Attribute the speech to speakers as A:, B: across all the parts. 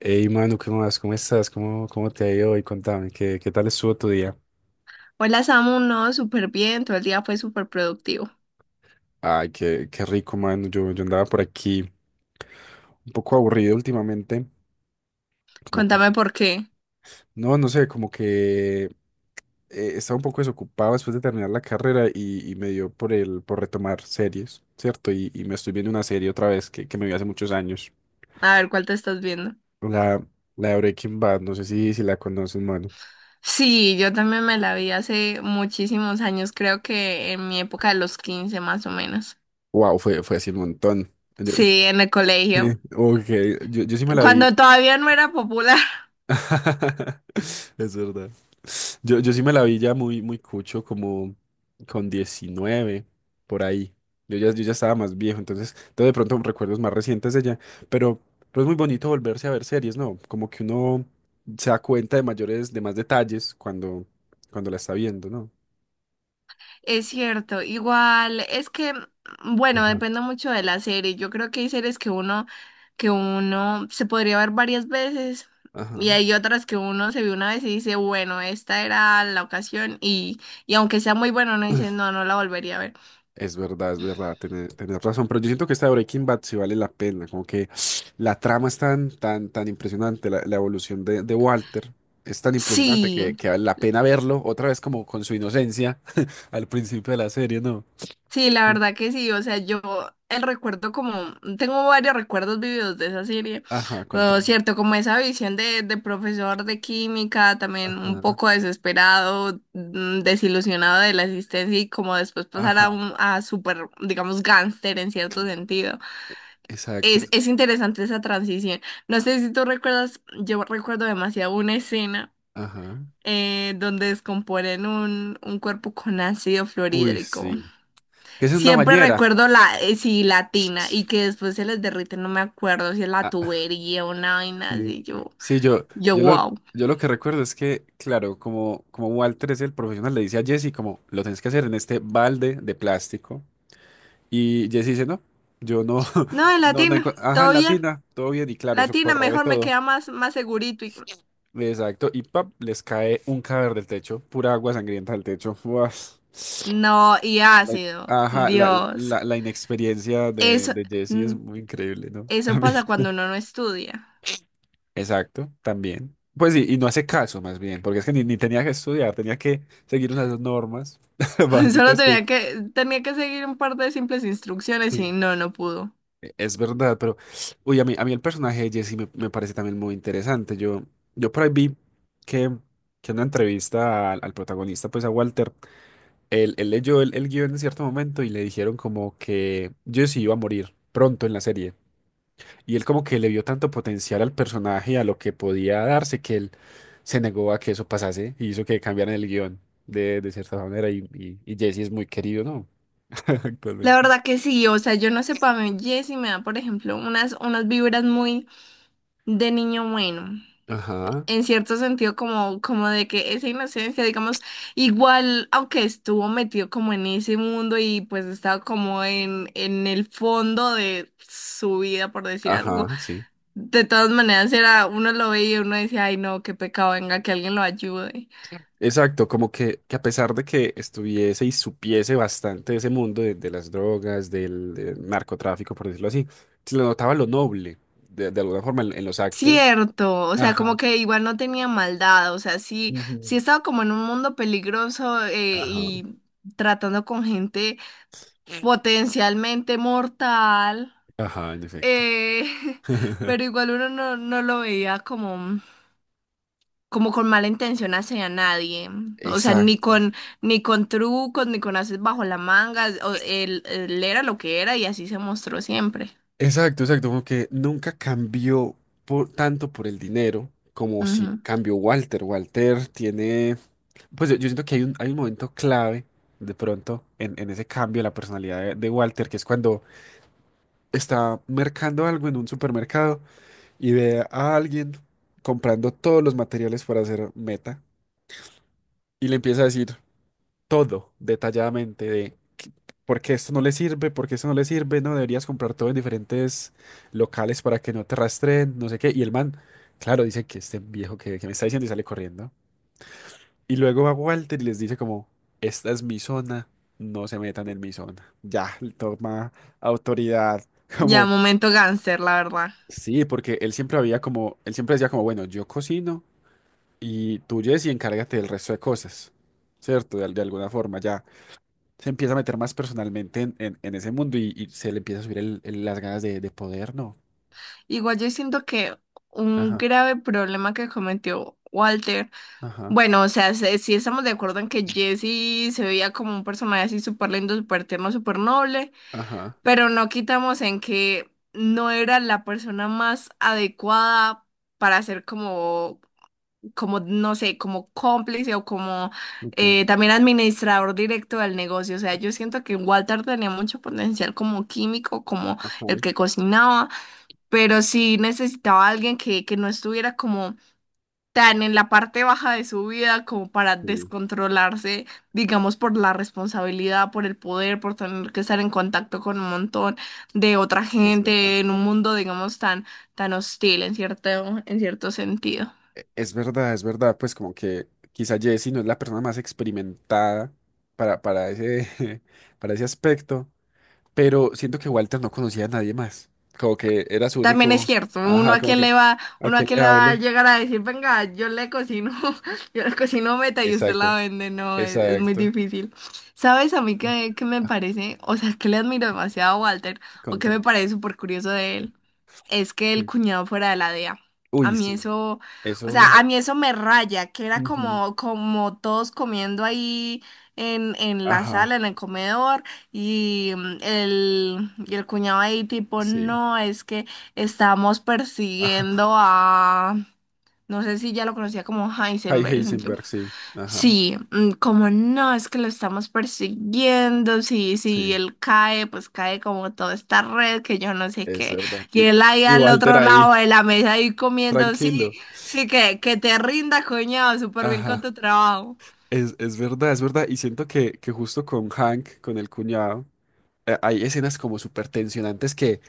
A: Hey, Manu, ¿qué más? ¿Cómo estás? ¿Cómo te ha ido hoy? Contame, ¿qué tal estuvo tu día?
B: Hola Samu, no, súper bien, todo el día fue súper productivo.
A: Ay, qué rico, Manu. Yo andaba por aquí un poco aburrido últimamente. Como con-
B: Cuéntame por qué.
A: No, no sé, como que estaba un poco desocupado después de terminar la carrera y me dio por retomar series, ¿cierto? Y me estoy viendo una serie otra vez que me vi hace muchos años.
B: A ver cuál te estás viendo.
A: La, la de Breaking Bad, no sé si la conoces, Manu.
B: Sí, yo también me la vi hace muchísimos años, creo que en mi época de los 15 más o menos.
A: Wow, fue así un montón. Yo-
B: Sí, en el colegio,
A: ok, yo sí me la vi.
B: cuando todavía no era popular.
A: Es verdad. Yo sí me la vi ya muy, muy cucho, como con 19 por ahí. Yo ya estaba más viejo, entonces de pronto recuerdos más recientes de ella. Pero, pero es muy bonito volverse a ver series, ¿no? Como que uno se da cuenta de mayores, de más detalles cuando la está viendo, ¿no?
B: Es cierto, igual es que, bueno,
A: Ajá.
B: depende mucho de la serie. Yo creo que hay series que que uno se podría ver varias veces y
A: Ajá.
B: hay otras que uno se ve una vez y dice, bueno, esta era la ocasión y aunque sea muy bueno, uno dice, no, no la volvería a ver.
A: Es verdad, tenés razón, pero yo siento que esta de Breaking Bad sí vale la pena, como que la trama es tan, tan, tan impresionante, la evolución de Walter es tan impresionante
B: Sí,
A: que vale la pena verlo otra vez como con su inocencia al principio de la serie, ¿no?
B: sí, la verdad que sí, o sea, yo el recuerdo como, tengo varios recuerdos vividos de esa serie,
A: Ajá,
B: pero
A: contame.
B: cierto, como esa visión de profesor de química, también un
A: Ajá,
B: poco desesperado, desilusionado de la existencia y como después pasar a
A: ajá,
B: un, a súper, digamos, gángster en cierto sentido.
A: exacto,
B: Es, es interesante esa transición. No sé si tú recuerdas, yo recuerdo demasiado una escena
A: ajá.
B: donde descomponen un cuerpo con ácido
A: Uy,
B: fluorhídrico.
A: sí. Que es una
B: Siempre
A: bañera.
B: recuerdo la, sí, latina, y que después se les derrite, no me acuerdo si es la
A: Ah,
B: tubería o una vaina
A: sí,
B: así,
A: sí, yo lo,
B: wow.
A: yo lo que recuerdo es que, claro, como Walter es el profesional, le dice a Jesse como, lo tenés que hacer en este balde de plástico. Y Jesse dice, no, yo no,
B: No, es
A: no, no,
B: latina,
A: ajá, en
B: todo bien.
A: latina, todo bien, y claro, eso
B: Latina,
A: corroe
B: mejor me
A: todo.
B: queda más segurito. Y.
A: Exacto, y pap, les cae un cadáver del techo, pura agua sangrienta del techo. Uas.
B: No, y
A: La-
B: ácido,
A: Ajá, la,
B: Dios.
A: la, la inexperiencia de,
B: Eso,
A: de Jesse es
B: mm,
A: muy increíble, ¿no?
B: eso
A: También.
B: pasa cuando uno no estudia.
A: Exacto, también. Pues sí, y no hace caso más bien, porque es que ni tenía que estudiar, tenía que seguir unas normas
B: Solo
A: básicas que...
B: tenía que seguir un par de simples instrucciones y
A: Sí.
B: no, no pudo.
A: Es verdad, pero... Uy, a mí el personaje de Jesse me parece también muy interesante. Yo por ahí vi que, que en una entrevista al protagonista, pues a Walter, él leyó el guión en cierto momento y le dijeron como que Jesse iba a morir pronto en la serie. Y él como que le vio tanto potencial al personaje, y a lo que podía darse, que él se negó a que eso pasase y hizo que cambiaran el guión de cierta manera. Y Jesse es muy querido, ¿no?
B: La
A: Actualmente.
B: verdad que sí, o sea, yo no sé, para mí Jessy me da, por ejemplo, unas vibras muy de niño bueno.
A: Ajá,
B: En cierto sentido como de que esa inocencia, digamos, igual, aunque estuvo metido como en ese mundo y pues estaba como en el fondo de su vida, por decir algo,
A: ajá, sí.
B: de todas maneras era, uno lo veía y uno decía, ay no, qué pecado, venga, que alguien lo ayude.
A: Exacto, como que a pesar de que estuviese y supiese bastante de ese mundo de las drogas, del narcotráfico, por decirlo así, se le notaba lo noble, de alguna forma, en los actos.
B: Cierto, o sea, como
A: Ajá.
B: que igual no tenía maldad, o sea, sí,
A: Ujú.
B: sí estaba como en un mundo peligroso
A: Ajá.
B: y tratando con gente potencialmente mortal.
A: Ajá, en efecto.
B: Eh, pero igual uno no, no lo veía como, como con mala intención hacia nadie. O sea, ni
A: Exacto.
B: con, ni con trucos, ni con haces bajo la manga. Él era lo que era y así se mostró siempre.
A: Exacto, exacto, como que nunca cambió tanto por el dinero como si
B: Ujú.
A: cambió Walter. Walter tiene, pues yo siento que hay un momento clave de pronto en ese cambio de la personalidad de Walter, que es cuando está mercando algo en un supermercado y ve a alguien comprando todos los materiales para hacer meta y le empieza a decir, todo detalladamente por qué esto no le sirve, por qué esto no le sirve, no deberías comprar todo en diferentes locales para que no te rastreen, no sé qué. Y el man, claro, dice que este viejo que me está diciendo y sale corriendo. Y luego va Walter y les dice como, esta es mi zona, no se metan en mi zona. Ya, él toma autoridad,
B: Ya,
A: como,
B: momento gánster, la verdad.
A: sí, porque él siempre había como, él siempre decía como, bueno, yo cocino y tú, Jesse, encárgate del resto de cosas, ¿cierto? De alguna forma, ya se empieza a meter más personalmente en ese mundo y se le empieza a subir las ganas de poder, ¿no?
B: Igual yo siento que un
A: Ajá,
B: grave problema que cometió Walter.
A: ajá,
B: Bueno, o sea, sí estamos de acuerdo en que Jesse se veía como un personaje así súper lindo, súper tierno, súper noble.
A: ajá,
B: Pero no quitamos en que no era la persona más adecuada para ser no sé, como cómplice o como
A: ok,
B: también administrador directo del negocio. O sea, yo siento que Walter tenía mucho potencial como químico, como
A: ajá,
B: el que cocinaba, pero sí necesitaba a alguien que no estuviera como tan en la parte baja de su vida como para
A: sí,
B: descontrolarse, digamos, por la responsabilidad, por el poder, por tener que estar en contacto con un montón de otra
A: es verdad.
B: gente en un mundo, digamos, tan, tan hostil en cierto sentido.
A: Es verdad, es verdad, pues como que quizá Jessie no es la persona más experimentada para ese, para ese aspecto, pero siento que Walter no conocía a nadie más, como que era su
B: También es
A: único,
B: cierto,
A: ajá, como que, ¿a
B: uno a
A: quién
B: quién
A: le
B: le va a
A: hablo?
B: llegar a decir, venga, yo le cocino, yo le cocino meta y usted
A: Exacto,
B: la vende, no, es muy
A: exacto,
B: difícil. ¿Sabes a mí qué me
A: ah,
B: parece? O sea, que le admiro demasiado a Walter, o
A: con
B: que
A: Tom,
B: me parece súper curioso de él, es que el
A: sí.
B: cuñado fuera de la DEA. A
A: Uy,
B: mí
A: sí,
B: eso, o sea,
A: eso...
B: a mí eso me raya, que era
A: Ujú.
B: como todos comiendo ahí en la
A: Ajá,
B: sala, en el comedor. Y el cuñado ahí tipo,
A: sí.
B: no, es que estamos
A: Ajá.
B: persiguiendo a, no sé si ya lo conocía como
A: Hay
B: Heisenberg. yo-
A: Heisenberg, sí. Ajá,
B: sí, como no, es que lo estamos persiguiendo. Sí, sí,
A: sí,
B: él cae, pues cae como toda esta red que yo no sé
A: es
B: qué.
A: verdad.
B: Y
A: Y,
B: él ahí
A: y
B: al
A: Walter
B: otro lado
A: ahí,
B: de la mesa ahí comiendo. Sí,
A: tranquilo.
B: sí, que te rinda, coñado, súper bien con
A: Ajá,
B: tu trabajo.
A: es verdad, es verdad. Y siento que justo con Hank, con el cuñado, hay escenas como súper tensionantes que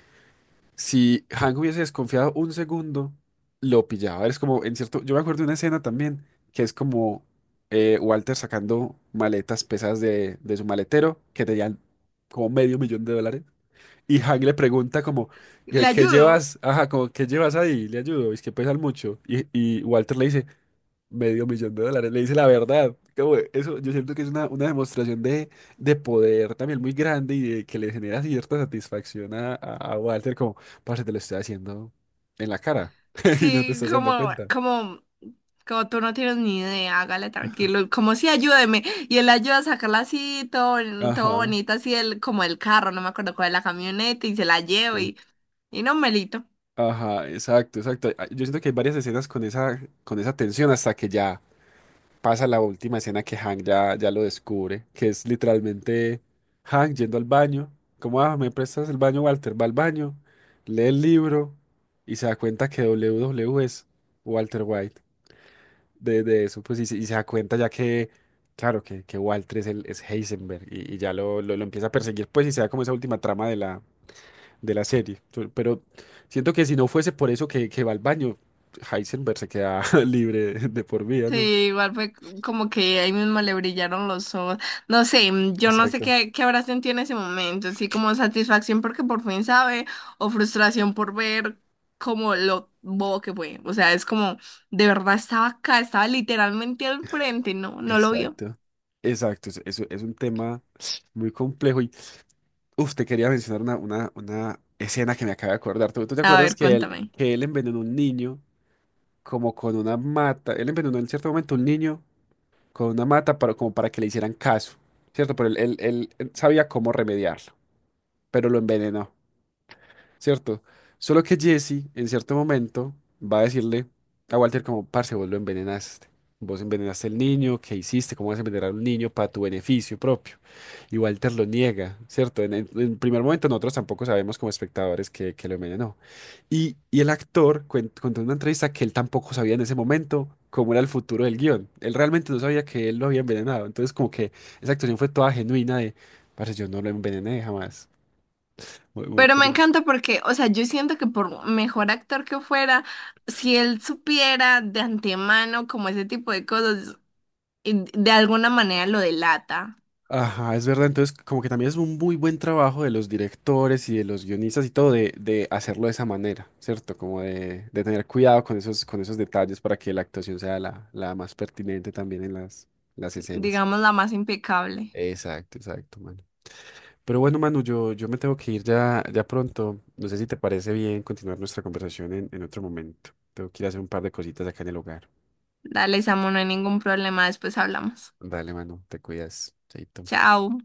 A: si Hank hubiese desconfiado un segundo, lo pillaba. Es como, en cierto, yo me acuerdo de una escena también que es como Walter sacando maletas pesadas de su maletero que tenían como medio millón de dólares. Y Hank le pregunta como,
B: ¿Le
A: ¿qué
B: ayudo?
A: llevas? Ajá, como, ¿qué llevas ahí? Le ayudo, es que pesan mucho. Y Walter le dice, medio millón de dólares, le dice la verdad. Como, eso, yo siento que es una demostración de poder también muy grande y de que le genera cierta satisfacción a Walter, como, parce, te lo estoy haciendo en la cara y no te
B: Sí,
A: estás dando
B: como,
A: cuenta.
B: como, como tú no tienes ni idea, hágale tranquilo, como si ayúdeme. Y él ayuda a sacarla así, todo, todo
A: Ajá,
B: bonito, así como el carro, no me acuerdo cuál es la camioneta, y se la lleva
A: sí.
B: y no, Melito.
A: Ajá, exacto, exacto. Ah, yo siento que hay varias escenas con esa tensión hasta que ya pasa la última escena que Hank ya lo descubre, que es literalmente Hank yendo al baño. Como, ah, me prestas el baño, Walter. Va al baño, lee el libro y se da cuenta que WW es Walter White. De eso, pues, y se da cuenta ya que, claro, que Walter es Heisenberg y ya lo empieza a perseguir, pues, y se da como esa última trama de la serie. Pero siento que si no fuese por eso que va al baño, Heisenberg se queda libre de por vida,
B: Sí,
A: ¿no?
B: igual fue como que ahí mismo le brillaron los ojos. No sé, yo no sé
A: Exacto.
B: qué habrá sentido en ese momento, sí, como satisfacción porque por fin sabe, o frustración por ver como lo bobo que fue. O sea, es como, de verdad estaba acá, estaba literalmente al frente, no, no lo vio.
A: Exacto, Exacto, es un tema muy complejo y, uf, te quería mencionar una escena que me acabo de acordar. ¿Tú te
B: A
A: acuerdas
B: ver,
A: que él,
B: cuéntame.
A: que él envenenó a un niño como con una mata? Él envenenó en cierto momento a un niño con una mata para, como para que le hicieran caso, ¿cierto? Pero él sabía cómo remediarlo, pero lo envenenó. ¿Cierto? Solo que Jesse, en cierto momento, va a decirle a Walter como, parce, vos lo envenenaste. Vos envenenaste al niño, ¿qué hiciste? ¿Cómo vas a envenenar a un niño para tu beneficio propio? Y Walter lo niega, ¿cierto? En primer momento nosotros tampoco sabemos como espectadores que lo envenenó. Y el actor contó en una entrevista que él tampoco sabía en ese momento cómo era el futuro del guión. Él realmente no sabía que él lo había envenenado. Entonces como que esa actuación fue toda genuina de, parce, yo no lo envenené jamás. Muy, muy
B: Pero me
A: curioso.
B: encanta porque, o sea, yo siento que por mejor actor que fuera, si él supiera de antemano como ese tipo de cosas, y de alguna manera lo delata.
A: Ajá, es verdad. Entonces, como que también es un muy buen trabajo de los directores y de los guionistas y todo de hacerlo de esa manera, ¿cierto? Como de tener cuidado con esos detalles para que la actuación sea la más pertinente también en las escenas.
B: Digamos, la más impecable.
A: Exacto, exacto, Manu. Pero bueno, Manu, yo me tengo que ir ya pronto. No sé si te parece bien continuar nuestra conversación en otro momento. Tengo que ir a hacer un par de cositas acá en el hogar.
B: Dale, Samu, no hay ningún problema, después hablamos.
A: Dale, Manu, te cuidas. Chaito.
B: Chao.